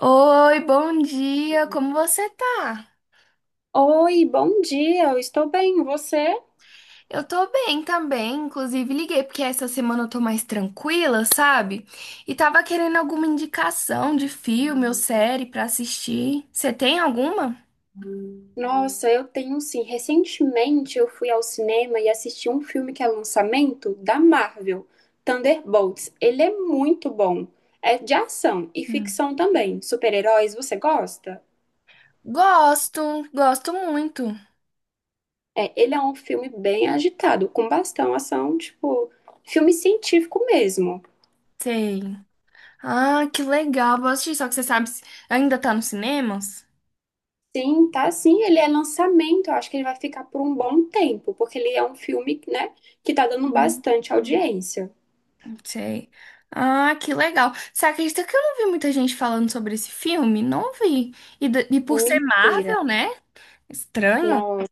Oi, bom dia, como você tá? Oi, bom dia, eu estou bem, você? Eu tô bem também, inclusive liguei porque essa semana eu tô mais tranquila, sabe? E tava querendo alguma indicação de filme ou série pra assistir. Você tem alguma? Nossa, eu tenho sim. Recentemente eu fui ao cinema e assisti um filme que é lançamento da Marvel, Thunderbolts. Ele é muito bom. É de ação e Hum. ficção também. Super-heróis, você gosta? Gosto, gosto muito. É, ele é um filme bem agitado, com bastante ação, tipo, filme científico mesmo. Sei. Ah, que legal, vou assistir, só que você sabe, se ainda tá nos cinemas? Sim, tá sim, ele é lançamento, eu acho que ele vai ficar por um bom tempo, porque ele é um filme, né, que tá dando Uhum. bastante audiência. Sei. Ah, que legal. Você acredita que eu não vi muita gente falando sobre esse filme? Não vi. E, e por ser Mentira. Marvel, né? Estranho? Nossa,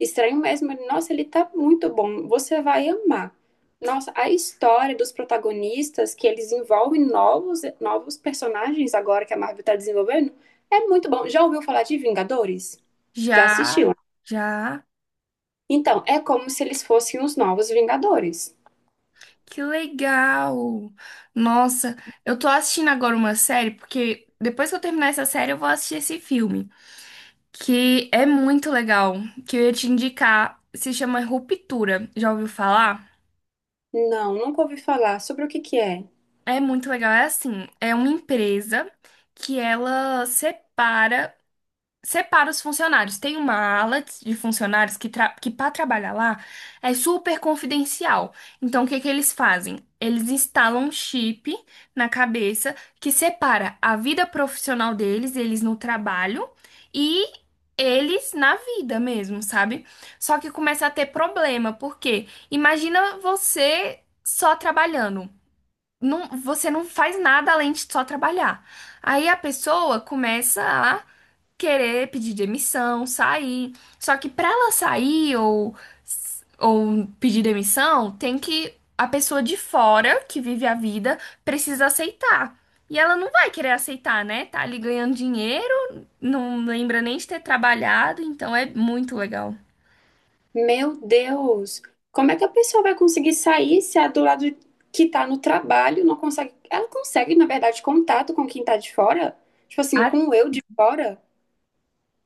estranho mesmo. Nossa, ele tá muito bom. Você vai amar. Nossa, a história dos protagonistas, que eles envolvem novos personagens agora que a Marvel tá desenvolvendo, é muito bom. Já ouviu falar de Vingadores? Já Já, assistiu? já. Então, é como se eles fossem os novos Vingadores. Que legal! Nossa, eu tô assistindo agora uma série, porque depois que eu terminar essa série, eu vou assistir esse filme, que é muito legal, que eu ia te indicar. Se chama Ruptura. Já ouviu falar? Não, nunca ouvi falar. Sobre o que que é? É muito legal. É assim, é uma empresa que ela Separa os funcionários. Tem uma ala de funcionários que, que para trabalhar lá é super confidencial. Então, o que que eles fazem? Eles instalam um chip na cabeça que separa a vida profissional deles, eles no trabalho, e eles na vida mesmo, sabe? Só que começa a ter problema, porque imagina você só trabalhando você não faz nada além de só trabalhar. Aí a pessoa começa a querer pedir demissão, sair. Só que para ela sair ou pedir demissão, tem que a pessoa de fora que vive a vida precisa aceitar. E ela não vai querer aceitar, né? Tá ali ganhando dinheiro, não lembra nem de ter trabalhado, então é muito legal. Meu Deus, como é que a pessoa vai conseguir sair se a do lado que tá no trabalho não consegue? Ela consegue, na verdade, contato com quem tá de fora? Tipo assim, com o eu de fora?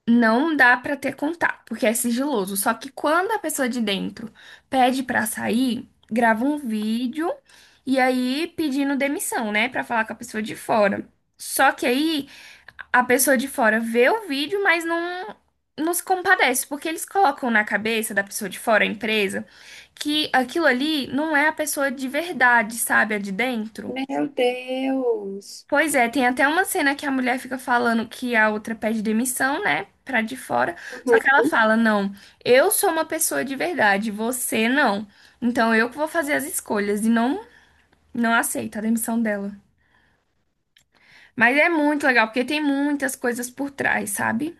Não dá pra ter contato, porque é sigiloso. Só que quando a pessoa de dentro pede pra sair, grava um vídeo e aí pedindo demissão, né, pra falar com a pessoa de fora. Só que aí a pessoa de fora vê o vídeo, mas não se compadece, porque eles colocam na cabeça da pessoa de fora, a empresa, que aquilo ali não é a pessoa de verdade, sabe, a de dentro. Meu Deus. Pois é, tem até uma cena que a mulher fica falando que a outra pede demissão, né? Pra de fora. Só Uhum. que ela fala: não, eu sou uma pessoa de verdade, você não. Então eu que vou fazer as escolhas. E não, não aceita a demissão dela. Mas é muito legal, porque tem muitas coisas por trás, sabe?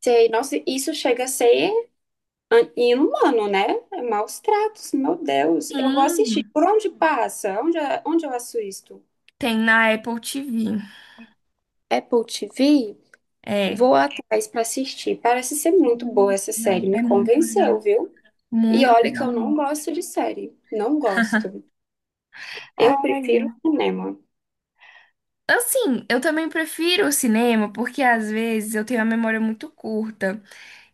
Sei, nossa, isso chega a ser inumano, né? É maus tratos, meu Deus. Eu vou assistir. Sim, Por onde passa? Onde, é, onde eu assisto isto? tem na Apple TV. Apple TV? É. Vou atrás pra assistir. Parece ser muito boa Hum, essa série, É me é muito legal. convenceu, viu? E Muito olha que legal eu mesmo. não gosto de série, não gosto. Ai, Eu prefiro é. cinema. Assim, eu também prefiro o cinema porque às vezes eu tenho a memória muito curta.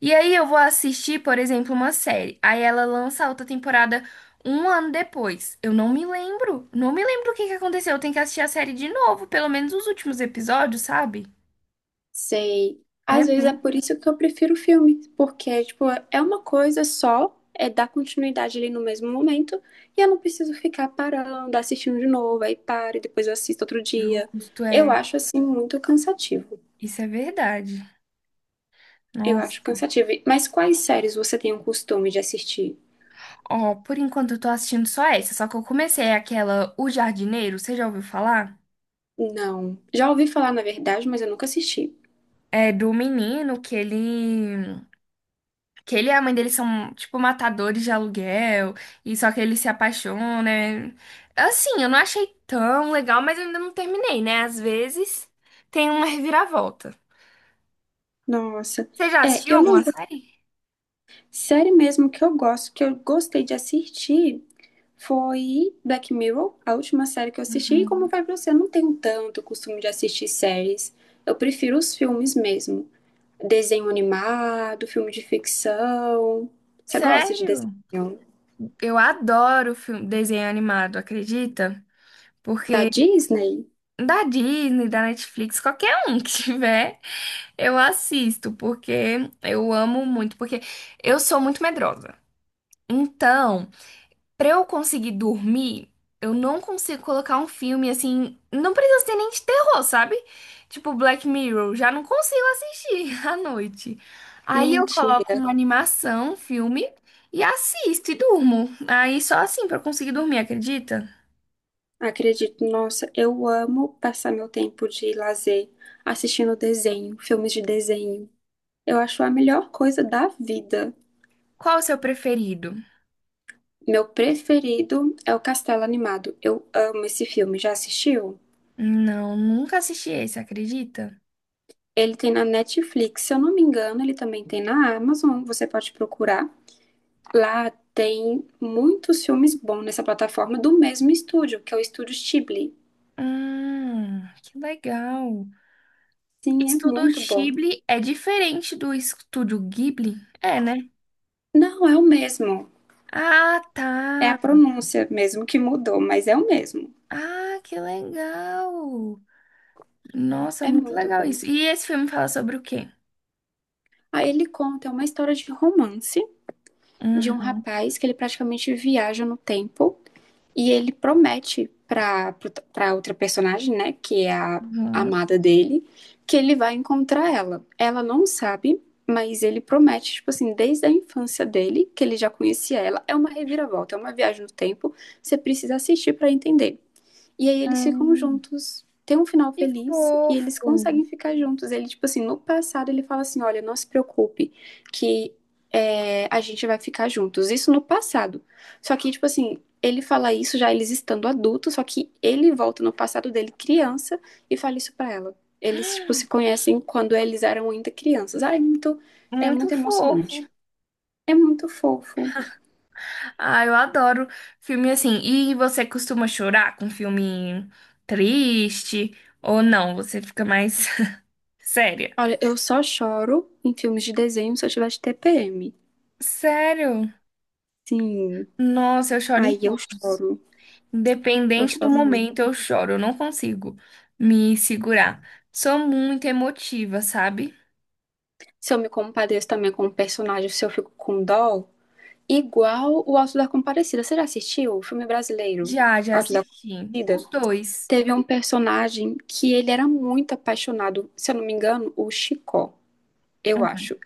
E aí eu vou assistir, por exemplo, uma série. Aí ela lança a outra temporada um ano depois. Eu não me lembro. Não me lembro o que que aconteceu. Eu tenho que assistir a série de novo, pelo menos os últimos episódios, sabe? Sei. É Às vezes muito é por isso que eu prefiro filme, porque, tipo, é uma coisa só, é dar continuidade ali no mesmo momento, e eu não preciso ficar parando, assistindo de novo, aí paro e depois eu assisto outro dia. justo, Eu é. acho, assim, muito cansativo. Isso é verdade. Eu acho Nossa. cansativo. Mas quais séries você tem o costume de assistir? Ó, por enquanto eu tô assistindo só essa, só que eu comecei aquela O Jardineiro, você já ouviu falar? Não. Já ouvi falar, na verdade, mas eu nunca assisti. É do menino que ele que ele e a mãe dele são, tipo, matadores de aluguel, e só que ele se apaixona. Né? Assim, eu não achei tão legal, mas eu ainda não terminei, né? Às vezes tem uma reviravolta. Nossa. Você já É, assistiu eu não. alguma série? Série mesmo que eu gosto, que eu gostei de assistir, foi Black Mirror, a última série que eu assisti. E como vai pra você, eu não tenho tanto costume de assistir séries. Eu prefiro os filmes mesmo. Desenho animado, filme de ficção. Você gosta de Sério? desenho? Eu adoro filme, desenho animado, acredita? Da Porque Disney? da Disney, da Netflix, qualquer um que tiver, eu assisto, porque eu amo muito, porque eu sou muito medrosa. Então, pra eu conseguir dormir, eu não consigo colocar um filme assim. Não precisa ser nem de terror, sabe? Tipo Black Mirror, já não consigo assistir à noite. Aí eu coloco Mentira. uma animação, um filme, e assisto e durmo. Aí só assim pra eu conseguir dormir, acredita? Acredito, nossa, eu amo passar meu tempo de lazer assistindo desenho, filmes de desenho. Eu acho a melhor coisa da vida. Qual o seu preferido? Meu preferido é o Castelo Animado. Eu amo esse filme. Já assistiu? Não, nunca assisti esse, acredita? Ele tem na Netflix, se eu não me engano, ele também tem na Amazon. Você pode procurar. Lá tem muitos filmes bons nessa plataforma do mesmo estúdio, que é o estúdio Ghibli. Que legal. Sim, é Estúdio muito bom. Ghibli é diferente do Estúdio Ghibli? É, né? Não, é o mesmo. Ah, É a tá. pronúncia mesmo que mudou, mas é o mesmo. Ah, que legal! Nossa, É muito muito legal bom. isso. E esse filme fala sobre o quê? Aí ele conta uma história de romance de um Uhum. rapaz que ele praticamente viaja no tempo. E ele promete para outra personagem, né, que é a Uhum. amada dele, que ele vai encontrar ela. Ela não sabe, mas ele promete, tipo assim, desde a infância dele, que ele já conhecia ela. É uma reviravolta, é uma viagem no tempo, você precisa assistir para entender. E aí eles ficam Hum, juntos, tem um final que feliz e eles fofo! conseguem ficar juntos. Ele, tipo assim, no passado ele fala assim: olha, não se preocupe, que é, a gente vai ficar juntos. Isso no passado. Só que, tipo assim, ele fala isso já eles estando adultos, só que ele volta no passado dele criança e fala isso pra ela. Eles, tipo, se conhecem quando eles eram ainda crianças. Ah, é Muito muito fofo. emocionante. É muito fofo. Ah, eu adoro filme assim. E você costuma chorar com filme triste? Ou não? Você fica mais séria? Olha, eu só choro em filmes de desenho se eu tiver de TPM. Sério? Sim. Nossa, eu choro em Aí todos. Eu Independente do choro momento, muito. eu choro. Eu não consigo me segurar. Sou muito emotiva, sabe? Se eu me compadeço também com o personagem, se eu fico com dó, igual o Auto da Compadecida. Você já assistiu o filme brasileiro, Já, já Auto da assisti. Compadecida? Os dois. Teve um personagem que ele era muito apaixonado, se eu não me engano, o Chicó, eu acho.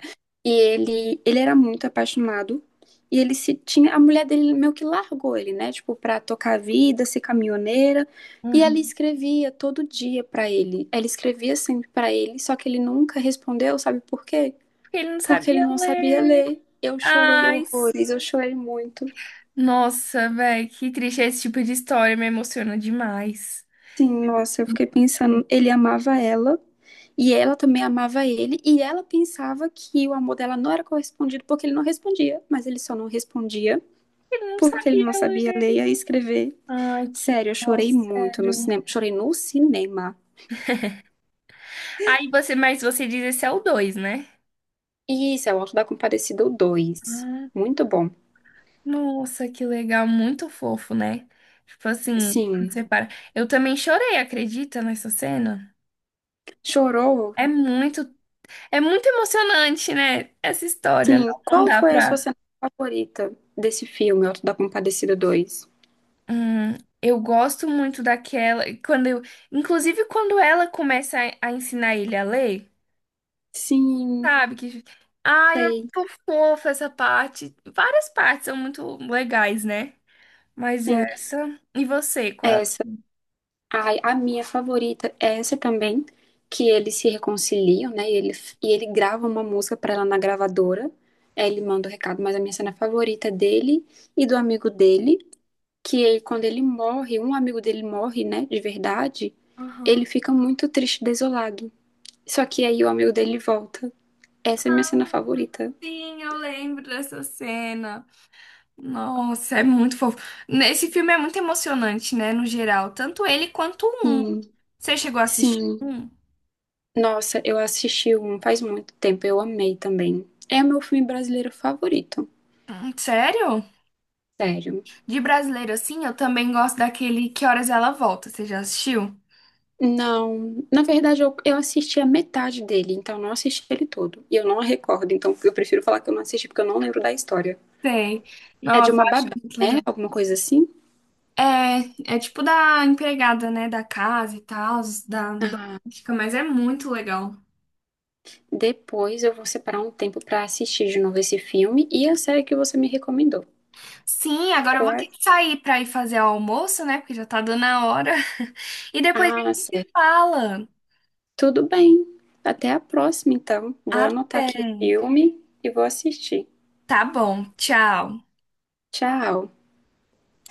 E ele era muito apaixonado. E ele se tinha. A mulher dele meio que largou ele, né? Tipo, pra tocar a vida, ser caminhoneira. E ela Uhum. escrevia todo dia pra ele. Ela escrevia sempre pra ele, só que ele nunca respondeu, sabe por quê? Porque ele não Porque ele sabia não sabia ler. ler. Eu chorei Ai, s- horrores, eu chorei muito. Nossa, velho, que triste. Esse tipo de história me emociona demais. Sim, nossa, eu fiquei pensando. Ele amava ela. E ela também amava ele, e ela pensava que o amor dela não era correspondido porque ele não respondia, mas ele só não respondia Ele não porque ele sabia não sabia ler. ler e escrever. Ai, que Sério, eu dó, chorei muito no sério. cinema. Chorei no cinema. Aí você, mas você diz esse é o dois, né? Isso, é o Auto da Compadecida dois. Ah, Muito bom. nossa, que legal, muito fofo, né? Tipo assim, quando Sim. você para. Eu também chorei, acredita, nessa cena? Chorou? É muito, é muito emocionante, né? Essa história. Sim. Não, não Qual dá foi a sua pra. cena favorita desse filme, Auto da Compadecida 2? Hum, eu gosto muito daquela. Quando eu, inclusive, quando ela começa a ensinar ele a ler, Sim, sabe? Que, ai, é sei, muito fofa essa parte. Várias partes são muito legais, né? Mas sim. essa. E você, qual? Essa. Ai, a minha favorita é essa também, que eles se reconciliam, né? E ele grava uma música pra ela na gravadora. Aí ele manda o recado, mas a minha cena favorita é dele e do amigo dele que ele, quando ele morre, um amigo dele morre, né, de verdade, ele Aham. fica muito triste, desolado. Só que aí o amigo dele volta. Essa é a minha cena favorita. Sim, eu lembro dessa cena. Nossa, é muito fofo. Esse filme é muito emocionante, né? No geral, tanto ele quanto o um. Sim, Você chegou a assistir sim. um? Nossa, eu assisti um faz muito tempo, eu amei também. É o meu filme brasileiro favorito, Sério? sério. De brasileiro, assim, eu também gosto daquele Que Horas Ela Volta. Você já assistiu? Não, na verdade eu assisti a metade dele, então não assisti ele todo. E eu não recordo, então eu prefiro falar que eu não assisti porque eu não lembro da história. Tem. É de Nossa, uma eu acho babá, muito legal. né? Alguma coisa assim? É, é tipo da empregada, né? Da casa e tal, da Ah, doméstica, mas é muito legal. depois eu vou separar um tempo para assistir de novo esse filme e a série que você me recomendou. Sim, agora eu Qual vou ter é? que sair pra ir fazer o almoço, né? Porque já tá dando a hora. E depois a Ah, gente se certo. fala. Tudo bem. Até a próxima, então. Vou anotar Até. aqui o filme e vou assistir. Tá bom, tchau. Tchau.